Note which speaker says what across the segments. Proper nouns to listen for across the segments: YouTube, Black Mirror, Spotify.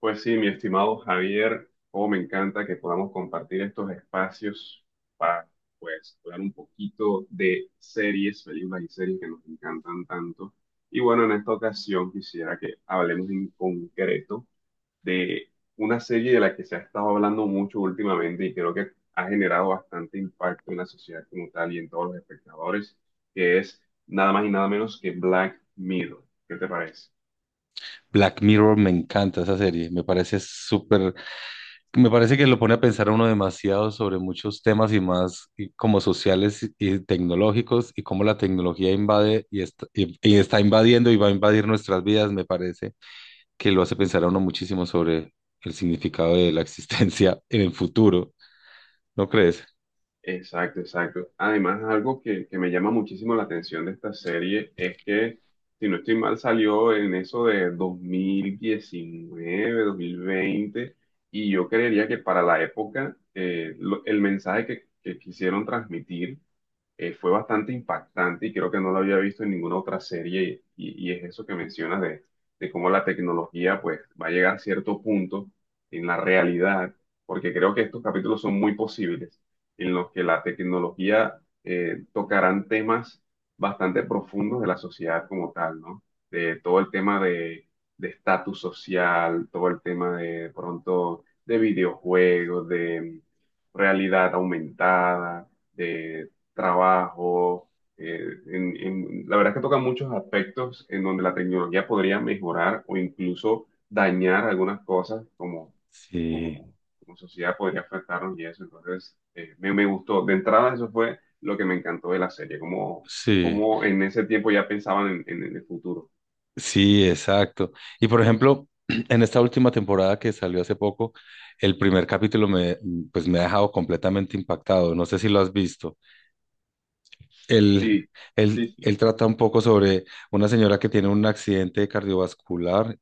Speaker 1: Pues sí, mi estimado Javier, oh, me encanta que podamos compartir estos espacios para, pues, hablar un poquito de series, películas y series que nos encantan tanto. Y bueno, en esta ocasión quisiera que hablemos en concreto de una serie de la que se ha estado hablando mucho últimamente y creo que ha generado bastante impacto en la sociedad como tal y en todos los espectadores, que es nada más y nada menos que Black Mirror. ¿Qué te parece?
Speaker 2: Black Mirror me encanta esa serie, me parece súper, me parece que lo pone a pensar a uno demasiado sobre muchos temas y más y como sociales y tecnológicos y cómo la tecnología invade y está, y está invadiendo y va a invadir nuestras vidas, me parece que lo hace pensar a uno muchísimo sobre el significado de la existencia en el futuro, ¿no crees?
Speaker 1: Exacto, exacto. Además, algo que me llama muchísimo la atención de esta serie es que, si no estoy mal, salió en eso de dos mil diecinueve, 2020, y yo creería que para la época el mensaje que quisieron transmitir fue bastante impactante y creo que no lo había visto en ninguna otra serie y es eso que mencionas de cómo la tecnología pues va a llegar a cierto punto en la realidad, porque creo que estos capítulos son muy posibles en los que la tecnología tocarán temas bastante profundos de la sociedad como tal, ¿no? De todo el tema de estatus social, todo el tema de, pronto de videojuegos, de realidad aumentada, de trabajo. eh, la verdad es que toca muchos aspectos en donde la tecnología podría mejorar o incluso dañar algunas cosas
Speaker 2: Sí,
Speaker 1: como, como sociedad podría afectarnos y eso. Entonces, me gustó. De entrada, eso fue lo que me encantó de la serie, como,
Speaker 2: sí.
Speaker 1: como en ese tiempo ya pensaban en el futuro.
Speaker 2: Sí, exacto. Y por ejemplo, en esta última temporada que salió hace poco, el primer capítulo pues me ha dejado completamente impactado. No sé si lo has visto. Él,
Speaker 1: Sí, sí, sí.
Speaker 2: él trata un poco sobre una señora que tiene un accidente cardiovascular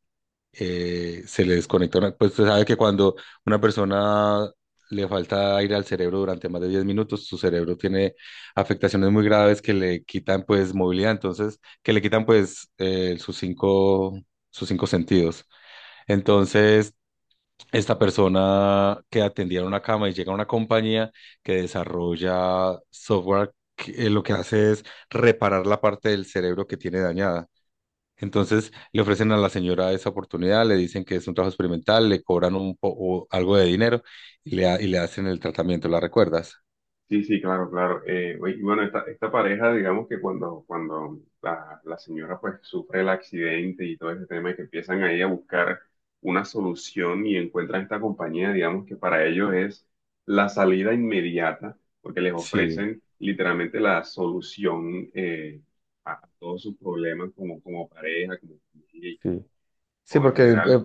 Speaker 2: se le desconecta pues usted sabe que cuando una persona le falta aire al cerebro durante más de 10 minutos, su cerebro tiene afectaciones muy graves que le quitan pues movilidad, entonces, que le quitan pues sus cinco sentidos. Entonces, esta persona que atendía en una cama y llega a una compañía que desarrolla software, lo que hace es reparar la parte del cerebro que tiene dañada. Entonces le ofrecen a la señora esa oportunidad, le dicen que es un trabajo experimental, le cobran un poco algo de dinero y y le hacen el tratamiento, ¿la recuerdas?
Speaker 1: Sí, sí, claro, claro. Oye, y bueno, esta pareja, digamos que cuando la señora pues sufre el accidente y todo ese tema y que empiezan ahí a buscar una solución y encuentran esta compañía, digamos que para ellos es la salida inmediata, porque les
Speaker 2: Sí,
Speaker 1: ofrecen literalmente la solución a todos sus problemas como, como pareja, como familia y
Speaker 2: sí. Sí,
Speaker 1: todo en
Speaker 2: porque
Speaker 1: general.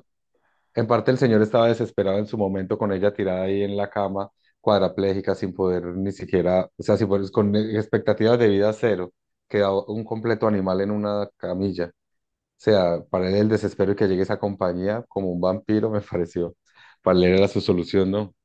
Speaker 2: en parte el señor estaba desesperado en su momento con ella tirada ahí en la cama, cuadraplégica, sin poder ni siquiera, o sea, sin poder- con expectativas de vida cero, quedaba un completo animal en una camilla. O sea, para él el desespero y que llegue esa compañía como un vampiro me pareció. Para él era su solución, ¿no?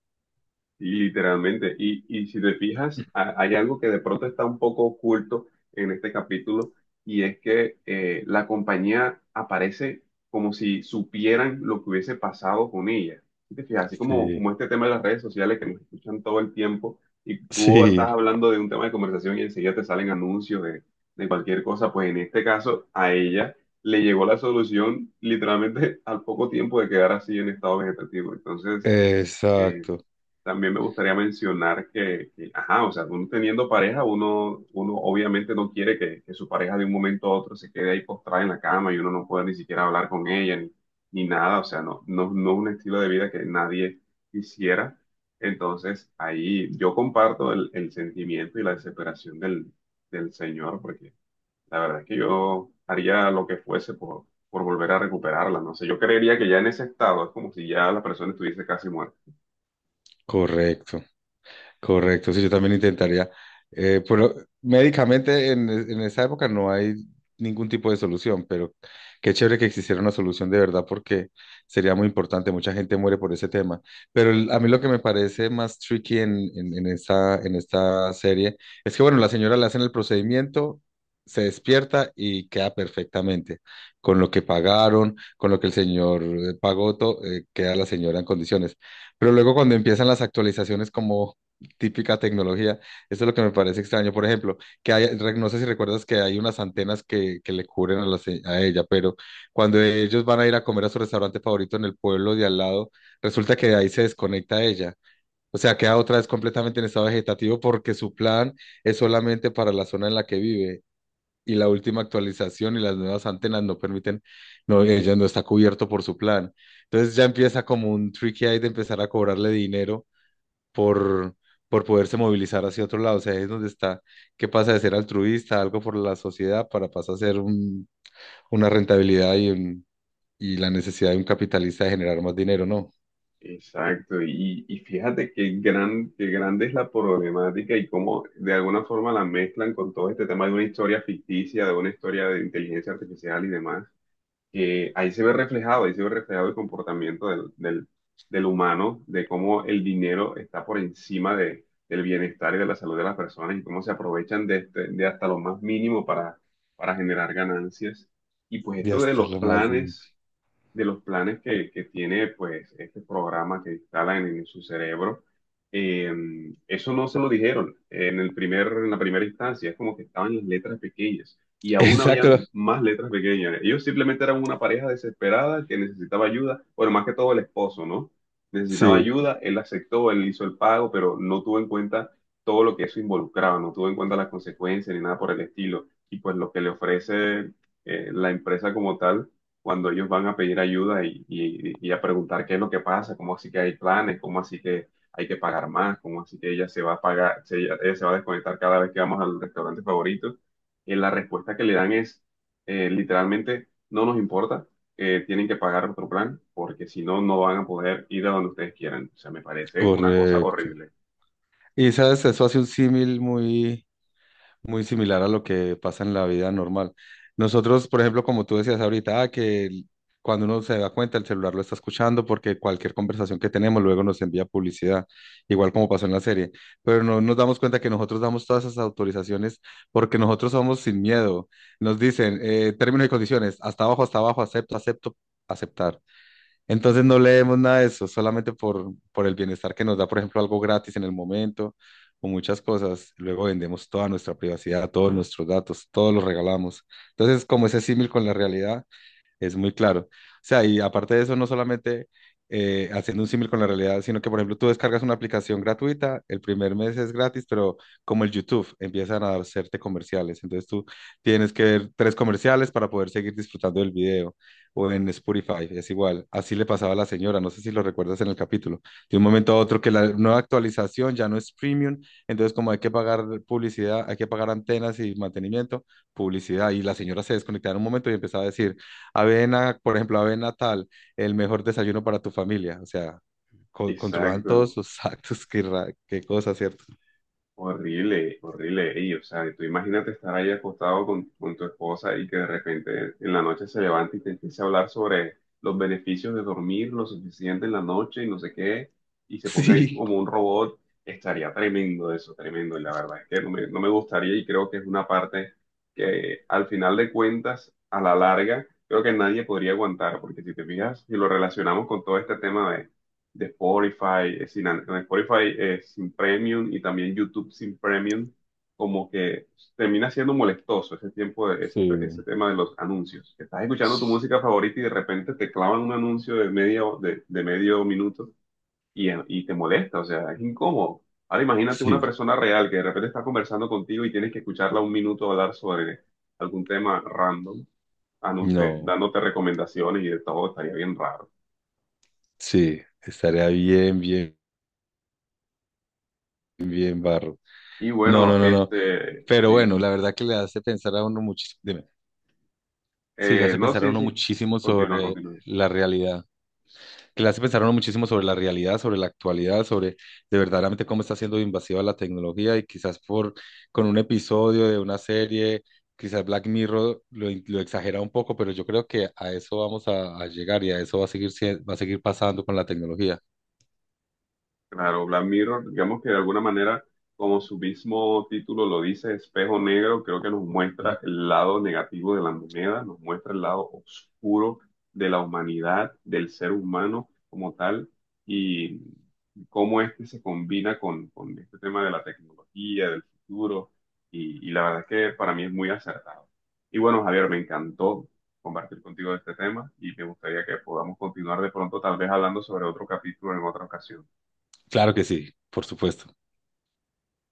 Speaker 1: Sí, literalmente. Y si te fijas, hay algo que de pronto está un poco oculto en este capítulo y es que la compañía aparece como si supieran lo que hubiese pasado con ella. Si te fijas, así como,
Speaker 2: Sí,
Speaker 1: como este tema de las redes sociales que nos escuchan todo el tiempo y tú estás
Speaker 2: sí.
Speaker 1: hablando de un tema de conversación y enseguida te salen anuncios de cualquier cosa, pues en este caso a ella le llegó la solución literalmente al poco tiempo de quedar así en estado vegetativo. Entonces… eh,
Speaker 2: Exacto,
Speaker 1: también me gustaría mencionar ajá, o sea, uno teniendo pareja, uno obviamente no quiere que su pareja de un momento a otro se quede ahí postrada en la cama y uno no pueda ni siquiera hablar con ella ni nada, o sea, no, no, no es un estilo de vida que nadie quisiera. Entonces, ahí yo comparto el sentimiento y la desesperación del señor, porque la verdad es que yo haría lo que fuese por volver a recuperarla, no sé, yo creería que ya en ese estado es como si ya la persona estuviese casi muerta.
Speaker 2: correcto. Correcto, sí, yo también intentaría. Pero médicamente en esa época no hay ningún tipo de solución, pero qué chévere que existiera una solución de verdad porque sería muy importante. Mucha gente muere por ese tema. Pero a mí lo que me parece más tricky en esta serie es que, bueno, la señora le hacen el procedimiento, se despierta y queda perfectamente. Con lo que pagaron, con lo que el señor pagó, queda la señora en condiciones. Pero luego cuando empiezan las actualizaciones como típica tecnología. Eso es lo que me parece extraño. Por ejemplo, que no sé si recuerdas que hay unas antenas que le cubren a, a ella, pero cuando ellos van a ir a comer a su restaurante favorito en el pueblo de al lado, resulta que de ahí se desconecta ella. O sea, queda otra vez completamente en estado vegetativo porque su plan es solamente para la zona en la que vive. Y la última actualización y las nuevas antenas no permiten, no, ella no está cubierto por su plan. Entonces ya empieza como un tricky ahí de empezar a cobrarle dinero por, por poderse movilizar hacia otro lado. O sea, ahí es donde está, que pasa de ser altruista, algo por la sociedad, para pasar a ser una rentabilidad y la necesidad de un capitalista de generar más dinero, ¿no?
Speaker 1: Exacto, y fíjate qué gran, qué grande es la problemática y cómo de alguna forma la mezclan con todo este tema de una historia ficticia, de una historia de inteligencia artificial y demás, que ahí se ve reflejado, ahí se ve reflejado el comportamiento del humano, de cómo el dinero está por encima del bienestar y de la salud de las personas y cómo se aprovechan de hasta lo más mínimo para generar ganancias. Y pues
Speaker 2: Y
Speaker 1: esto
Speaker 2: hasta lo más.
Speaker 1: de los planes que tiene pues este programa que instalan en su cerebro, eh, eso no se lo dijeron en el en la primera instancia, es como que estaban las letras pequeñas y aún había
Speaker 2: Exacto.
Speaker 1: más letras pequeñas. Ellos simplemente eran una pareja desesperada que necesitaba ayuda, bueno, más que todo el esposo, ¿no? Necesitaba
Speaker 2: Sí,
Speaker 1: ayuda, él aceptó, él hizo el pago, pero no tuvo en cuenta todo lo que eso involucraba, no tuvo en cuenta las consecuencias ni nada por el estilo. Y pues lo que le ofrece la empresa como tal cuando ellos van a pedir ayuda y a preguntar qué es lo que pasa, cómo así que hay planes, cómo así que hay que pagar más, cómo así que ella se va a pagar, ella se va a desconectar cada vez que vamos al restaurante favorito. La respuesta que le dan es literalmente: no nos importa, tienen que pagar otro plan porque si no, no van a poder ir a donde ustedes quieran. O sea, me parece una cosa
Speaker 2: correcto.
Speaker 1: horrible.
Speaker 2: Y sabes, eso hace un símil muy similar a lo que pasa en la vida normal. Nosotros, por ejemplo, como tú decías ahorita, ah, que cuando uno se da cuenta, el celular lo está escuchando porque cualquier conversación que tenemos luego nos envía publicidad, igual como pasó en la serie. Pero no nos damos cuenta que nosotros damos todas esas autorizaciones porque nosotros somos sin miedo. Nos dicen términos y condiciones, hasta abajo, acepto, acepto, aceptar. Entonces no leemos nada de eso, solamente por el bienestar que nos da, por ejemplo, algo gratis en el momento o muchas cosas. Luego vendemos toda nuestra privacidad, todos nuestros datos, todos los regalamos. Entonces, como ese símil con la realidad, es muy claro. O sea, y aparte de eso, no solamente haciendo un símil con la realidad, sino que, por ejemplo, tú descargas una aplicación gratuita, el primer mes es gratis, pero como el YouTube, empiezan a hacerte comerciales. Entonces tú tienes que ver tres comerciales para poder seguir disfrutando del video. O en Spotify, es igual. Así le pasaba a la señora, no sé si lo recuerdas en el capítulo. De un momento a otro que la nueva actualización ya no es premium, entonces como hay que pagar publicidad, hay que pagar antenas y mantenimiento, publicidad. Y la señora se desconectaba en un momento y empezaba a decir, avena, por ejemplo, avena tal, el mejor desayuno para tu familia. O sea, controlaban todos
Speaker 1: Exacto.
Speaker 2: sus actos, qué, qué cosa, ¿cierto?
Speaker 1: Horrible, horrible. Y, o sea, tú imagínate estar ahí acostado con tu esposa y que de repente en la noche se levante y te empiece a hablar sobre los beneficios de dormir lo suficiente en la noche y no sé qué, y se ponga ahí
Speaker 2: Sí,
Speaker 1: como un robot. Estaría tremendo eso, tremendo. Y la verdad es que no me gustaría y creo que es una parte que al final de cuentas, a la larga, creo que nadie podría aguantar, porque si te fijas, si lo relacionamos con todo este tema de Spotify, sin, an- en Spotify sin premium y también YouTube sin premium, como que termina siendo molestoso ese tiempo ese
Speaker 2: sí,
Speaker 1: tema de los anuncios. Que estás escuchando tu música favorita y de repente te clavan un anuncio de medio minuto y te molesta, o sea, es incómodo. Ahora imagínate una
Speaker 2: sí,
Speaker 1: persona real que de repente está conversando contigo y tienes que escucharla un minuto hablar sobre algún tema random,
Speaker 2: no,
Speaker 1: dándote recomendaciones y de todo, estaría bien raro.
Speaker 2: sí, estaría bien, bien, bien barro.
Speaker 1: Y
Speaker 2: No,
Speaker 1: bueno,
Speaker 2: no, no, no.
Speaker 1: este,
Speaker 2: Pero
Speaker 1: sí.
Speaker 2: bueno, la verdad que le hace pensar a uno muchísimo, dime, sí, le hace
Speaker 1: No,
Speaker 2: pensar a
Speaker 1: Sí,
Speaker 2: uno
Speaker 1: sí.
Speaker 2: muchísimo
Speaker 1: Continúa,
Speaker 2: sobre
Speaker 1: continúa.
Speaker 2: la realidad. Que le hace pensar a uno muchísimo sobre la realidad, sobre la actualidad, sobre de verdaderamente cómo está siendo invasiva la tecnología y quizás por con un episodio de una serie, quizás Black Mirror lo exagera un poco, pero yo creo que a eso a llegar y a eso va a seguir, va a seguir pasando con la tecnología.
Speaker 1: Claro, Black Mirror, digamos que de alguna manera, como su mismo título lo dice, espejo negro, creo que nos
Speaker 2: Ujú.
Speaker 1: muestra el lado negativo de la moneda, nos muestra el lado oscuro de la humanidad, del ser humano como tal, y cómo este se combina con este tema de la tecnología, del futuro, y la verdad es que para mí es muy acertado. Y bueno, Javier, me encantó compartir contigo este tema y me gustaría que podamos continuar de pronto, tal vez hablando sobre otro capítulo en otra ocasión.
Speaker 2: Claro que sí, por supuesto.